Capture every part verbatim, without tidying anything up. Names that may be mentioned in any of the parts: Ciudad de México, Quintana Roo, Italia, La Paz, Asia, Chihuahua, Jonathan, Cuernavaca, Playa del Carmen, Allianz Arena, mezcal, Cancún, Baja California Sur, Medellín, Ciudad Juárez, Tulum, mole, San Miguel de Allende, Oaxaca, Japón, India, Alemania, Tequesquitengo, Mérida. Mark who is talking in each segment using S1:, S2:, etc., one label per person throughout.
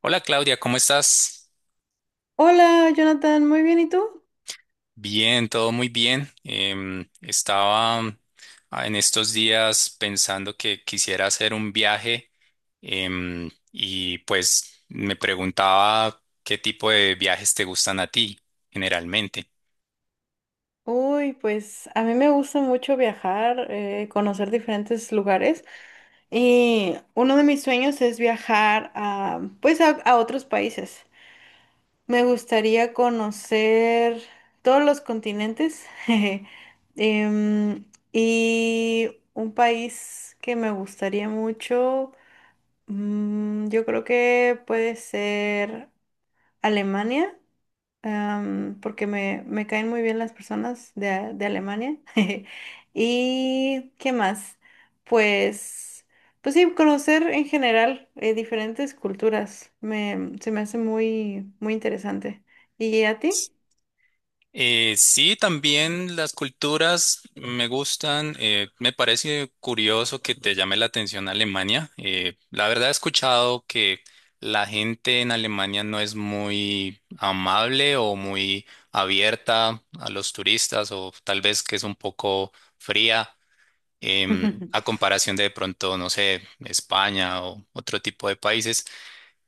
S1: Hola, Claudia, ¿cómo estás?
S2: Hola, Jonathan, muy bien, ¿y tú?
S1: Bien, todo muy bien. Em, estaba mm, ah, en estos días pensando que quisiera hacer un viaje em, y pues me preguntaba qué tipo de viajes te gustan a ti generalmente.
S2: Uy, pues a mí me gusta mucho viajar, eh, conocer diferentes lugares y uno de mis sueños es viajar a, pues a, a otros países. Me gustaría conocer todos los continentes jeje, em, y un país que me gustaría mucho, mm, yo creo que puede ser Alemania. am, porque me, me caen muy bien las personas de, a- de Alemania. ¿Y qué más? Pues, pues sí, conocer en general eh, diferentes culturas me, se me hace muy, muy interesante. ¿Y a ti?
S1: Eh, sí, también las culturas me gustan. Eh, me parece curioso que te llame la atención Alemania. Eh, la verdad he escuchado que la gente en Alemania no es muy amable o muy abierta a los turistas, o tal vez que es un poco fría em, a comparación de de pronto, no sé, España o otro tipo de países.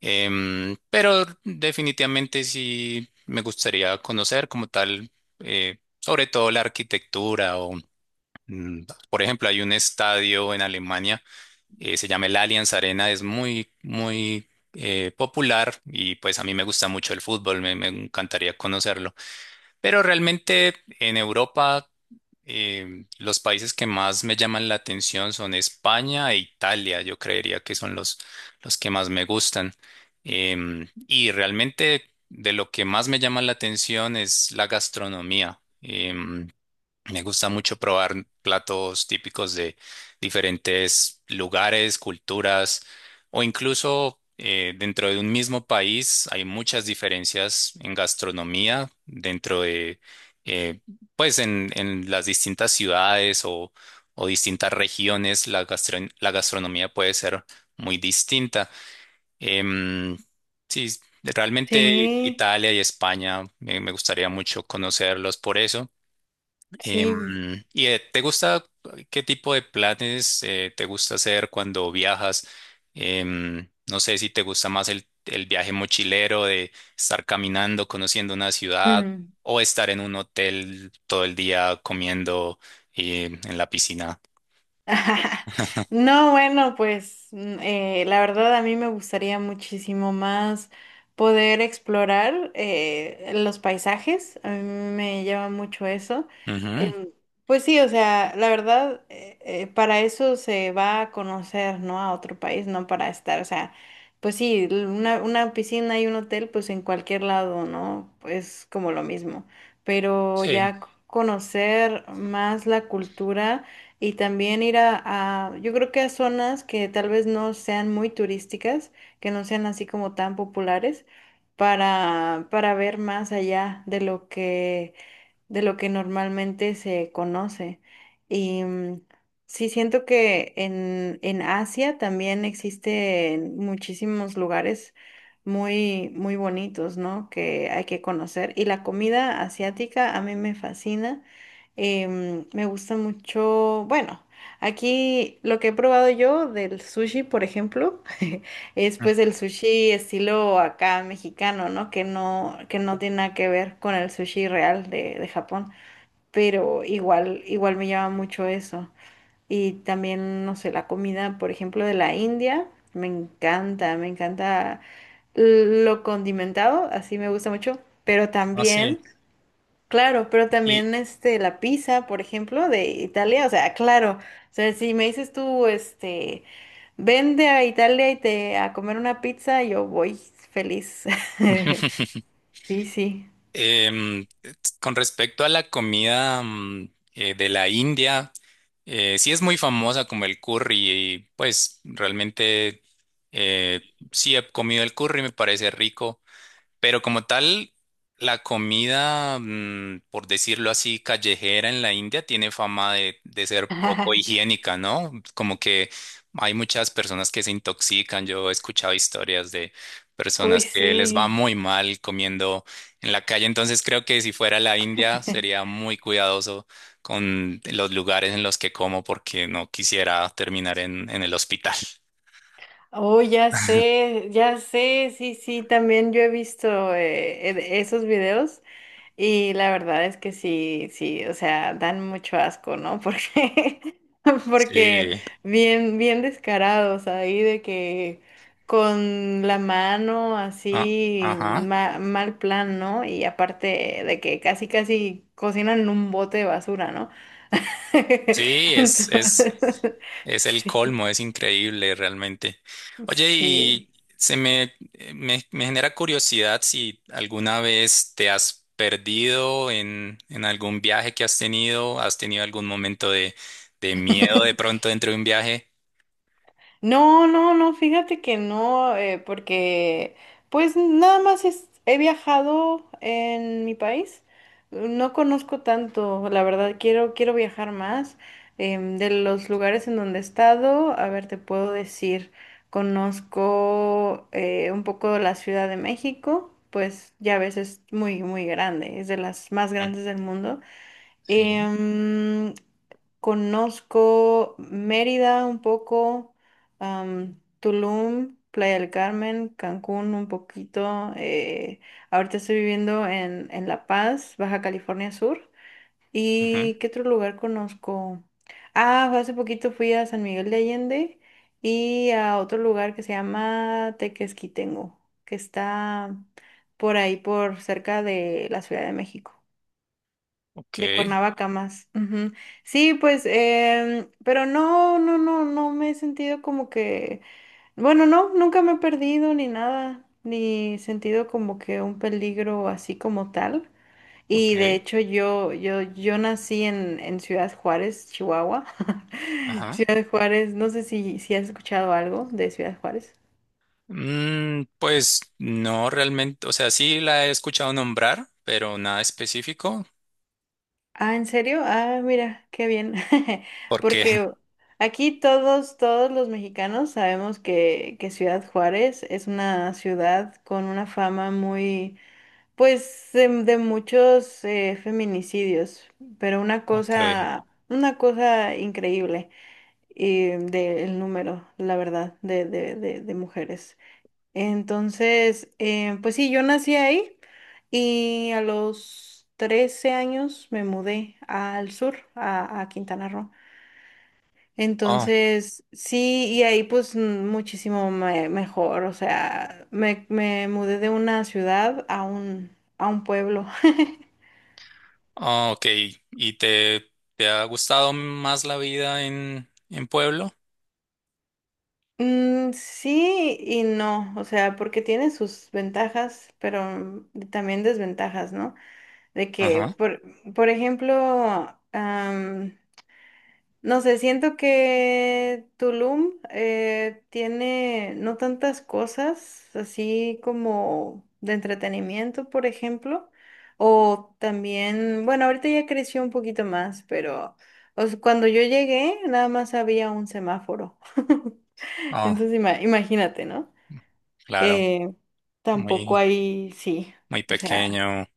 S1: Em, pero definitivamente sí me gustaría conocer como tal, eh, sobre todo la arquitectura o, mm, por ejemplo, hay un estadio en Alemania, eh, se llama el Allianz Arena, es muy, muy eh, popular, y pues a mí me gusta mucho el fútbol, me, me encantaría conocerlo. Pero realmente en Europa eh, los países que más me llaman la atención son España e Italia. Yo creería que son los, los que más me gustan. Em, y realmente de lo que más me llama la atención es la gastronomía. Em, me gusta mucho probar platos típicos de diferentes lugares, culturas, o incluso eh, dentro de un mismo país hay muchas diferencias en gastronomía dentro de, eh, pues en, en las distintas ciudades o, o distintas regiones, la gastron- la gastronomía puede ser muy distinta. Em, sí, realmente
S2: Sí,
S1: Italia y España eh, me gustaría mucho conocerlos por eso.
S2: sí.
S1: Em, ¿Y eh, te gusta qué tipo de planes eh, te gusta hacer cuando viajas? Em, no sé si te gusta más el, el viaje mochilero de estar caminando, conociendo una ciudad, o estar en un hotel todo el día comiendo eh, en la piscina.
S2: No, bueno, pues mm, eh, la verdad a mí me gustaría muchísimo más poder explorar eh, los paisajes, a mí me llama mucho eso.
S1: Ujú.
S2: Em, pues sí, o sea, la verdad, eh, eh, para eso se va a conocer, ¿no? A otro país, no para estar, o sea, pues sí, l- una, una piscina y un hotel, pues en cualquier lado, ¿no? Es como lo mismo, pero
S1: Sí,
S2: ya c- conocer más la cultura. Y también ir a, a- yo creo que a zonas que tal vez no sean muy turísticas, que no sean así como tan populares, para, para ver más allá de lo que, de lo que normalmente se conoce. Y mm, sí siento que en, en Asia también existen muchísimos lugares muy, muy bonitos, ¿no? Que hay que conocer. Y la comida asiática a mí me fascina. Em, me gusta mucho, bueno, aquí lo que he probado yo del sushi, por ejemplo, es pues el sushi estilo acá mexicano, ¿no? Que no, que no tiene nada que ver con el sushi real de, de Japón, pero igual, igual me llama mucho eso. Y también, no sé, la comida, por ejemplo, de la India, me encanta, me encanta lo condimentado, así me gusta mucho, pero
S1: así.
S2: también... Claro, pero
S1: Y
S2: también este la pizza, por ejemplo, de Italia, o sea, claro, o sea, si me dices tú, este, vende a Italia y te a comer una pizza, yo voy feliz. Sí, sí.
S1: Em, con respecto a la comida mm, eh, de la India, eh, sí es muy famosa como el curry, y pues realmente eh, sí he comido el curry, me parece rico. Pero como tal, la comida, mm, por decirlo así, callejera en la India tiene fama de, de ser poco higiénica, ¿no? Como que hay muchas personas que se intoxican. Yo he escuchado historias de
S2: Uy,
S1: personas que les va
S2: sí.
S1: muy mal comiendo en la calle. Entonces creo que si fuera la India sería muy cuidadoso con los lugares en los que como, porque no quisiera terminar en, en el hospital.
S2: Oh, ya sé, ya sé, sí, sí. Sí, también yo he visto eh, e- esos videos. Y la verdad es que sí, sí, o sea, dan mucho asco, ¿no? Porque, porque
S1: Sí.
S2: bien, bien descarados ahí de que con la mano
S1: Ah,
S2: así,
S1: ajá.
S2: ma- mal plan, ¿no? Y aparte de que casi, casi cocinan en un bote de basura, ¿no?
S1: Sí, es, es,
S2: Entonces,
S1: es el
S2: sí,
S1: colmo, es increíble realmente. Oye,
S2: sí.
S1: y se me, eh, me, me genera curiosidad si alguna vez te has perdido en, en algún viaje que has tenido, has tenido algún momento de, de miedo de pronto dentro de un viaje.
S2: No, no, no, fíjate que no, eh, porque pues nada más es- he viajado en mi país, no conozco tanto, la verdad quiero, quiero viajar más. Em, de los lugares en donde he estado, a ver, te puedo decir, conozco eh, un poco la Ciudad de México, pues ya ves es muy, muy grande, es de las más
S1: Mm.
S2: grandes del mundo.
S1: Sí.
S2: Em, conozco Mérida un poco, am, Tulum, Playa del Carmen, Cancún un poquito. eh, ahorita estoy viviendo en, en La Paz, Baja California Sur.
S1: Ujú.
S2: ¿Y qué otro lugar conozco? Ah, hace poquito fui a San Miguel de Allende y a otro lugar que se llama Tequesquitengo, que está por ahí, por cerca de la Ciudad de México. De
S1: Ok,
S2: Cuernavaca más. Ujú. Sí, pues, em, pero no, no, no, no me he sentido como que, bueno, no, nunca me he perdido ni nada, ni sentido como que un peligro así como tal. Y de
S1: ok.
S2: hecho yo, yo, yo nací en, en Ciudad Juárez, Chihuahua.
S1: Ajá.
S2: Ciudad Juárez, no sé si, si has escuchado algo de Ciudad Juárez.
S1: Mm, pues no realmente, o sea, sí la he escuchado nombrar, pero nada específico,
S2: Ah, ¿en serio? Ah, mira, qué bien.
S1: porque...
S2: Porque aquí todos, todos los mexicanos sabemos que, que Ciudad Juárez es una ciudad con una fama muy, pues, de, de muchos eh, feminicidios, pero una
S1: Ok.
S2: cosa, una cosa increíble y del número, la verdad, de, de, de, de mujeres. Entonces, eh, pues sí, yo nací ahí y a los trece años me mudé al sur, a, a Quintana Roo. Entonces, sí, y ahí pues mm, muchísimo me- mejor, o sea, me, me mudé de una ciudad a un, a un pueblo.
S1: Ah, ok. ¿Y te, te ha gustado más la vida en, en pueblo?
S2: Mm, sí y no, o sea, porque tiene sus ventajas, pero también desventajas, ¿no? De que,
S1: Ajá.
S2: por, por ejemplo, no sé, siento que Tulum eh, tiene no tantas cosas así como de entretenimiento, por ejemplo, o también, bueno, ahorita ya creció un poquito más, pero o sea, cuando yo llegué nada más había un semáforo.
S1: Ah,
S2: Entonces ima- imagínate, ¿no?
S1: claro.
S2: Eh, tampoco
S1: Muy,
S2: hay, sí,
S1: muy
S2: o sea,
S1: pequeño,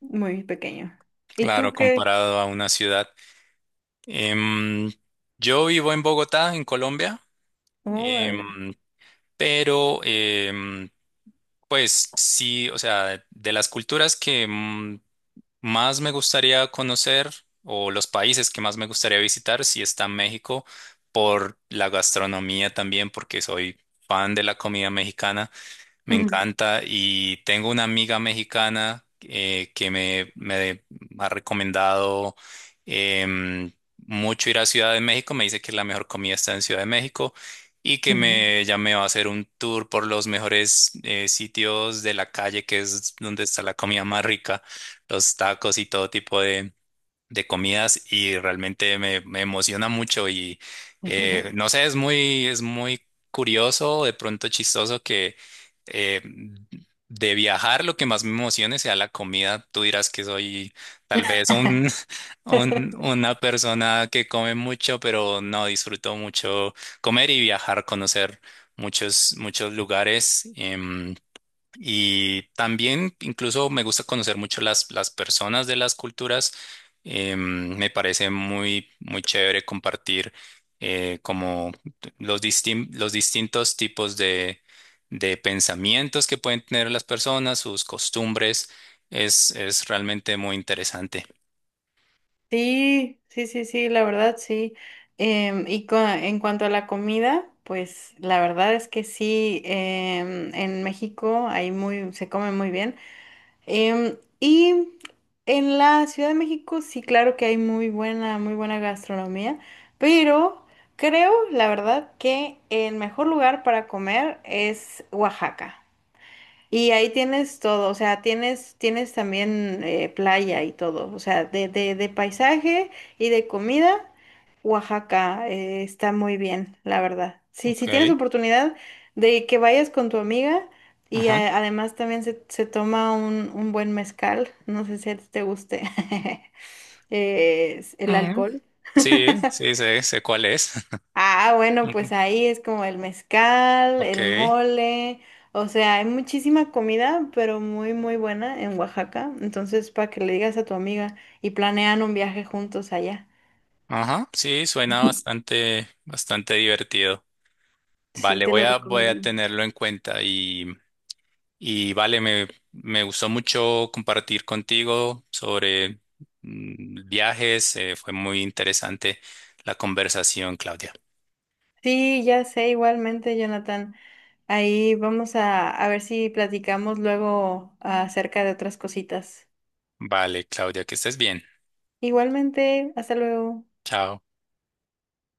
S2: muy pequeño. ¿Y tú
S1: claro,
S2: qué?
S1: comparado a una ciudad. Em, yo vivo en Bogotá, en Colombia,
S2: Oh, vale.
S1: em, pero em, pues sí, o sea, de las culturas que mm, más me gustaría conocer, o los países que más me gustaría visitar, si está México, por la gastronomía también, porque soy fan de la comida mexicana. Me encanta, y tengo una amiga mexicana eh, que me, me ha recomendado em, mucho ir a Ciudad de México. Me dice que la mejor comida está en Ciudad de México, y que me, ya me va a hacer un tour por los mejores eh, sitios de la calle, que es donde está la comida más rica, los tacos y todo tipo de comidas, y realmente me, me emociona mucho. Y eh, no sé, es muy, es muy curioso, de pronto chistoso, que eh, de viajar lo que más me emocione sea la comida. Tú dirás que soy tal vez un, un- una persona que come mucho, pero no disfruto mucho comer y viajar, conocer muchos, muchos lugares. Em, y también incluso me gusta conocer mucho las, las personas de las culturas. Eh, me parece muy, muy chévere compartir eh, como los, distin- los distintos tipos de, de pensamientos que pueden tener las personas, sus costumbres. Es, es realmente muy interesante.
S2: Sí, sí, sí, sí, la verdad sí. Em, y cua- en cuanto a la comida, pues la verdad es que sí, em, en México hay muy, se come muy bien. Em, y en la Ciudad de México sí, claro que hay muy buena, muy buena gastronomía, pero creo, la verdad, que el mejor lugar para comer es Oaxaca. Y ahí tienes todo, o sea, tienes, tienes también eh, playa y todo, o sea, de, de, de paisaje y de comida, Oaxaca eh, está muy bien, la verdad. Sí,
S1: Ok.
S2: si tienes oportunidad de que vayas con tu amiga y eh,
S1: Ajá.
S2: además también se, se toma un, un buen mezcal, no sé si a ti te guste eh, el
S1: Mm.
S2: alcohol.
S1: Sí, sí, sé, sé cuál es.
S2: Ah, bueno, pues
S1: Ujú.
S2: ahí es como el mezcal,
S1: Ok.
S2: el mole, o sea, hay muchísima comida, pero muy, muy buena en Oaxaca. Entonces, para que le digas a tu amiga y planean un viaje juntos allá.
S1: Ajá. Sí, suena bastante, bastante divertido.
S2: Sí,
S1: Vale,
S2: te
S1: voy
S2: lo
S1: a, voy a
S2: recomiendo.
S1: tenerlo en cuenta, y, y vale, me, me gustó mucho compartir contigo sobre mm, viajes, eh, fue muy interesante la conversación, Claudia.
S2: Sí, ya sé, igualmente, Jonathan. Ahí vamos a, a ver si platicamos luego acerca de otras cositas.
S1: Vale, Claudia, que estés bien.
S2: Igualmente, hasta luego.
S1: Chao.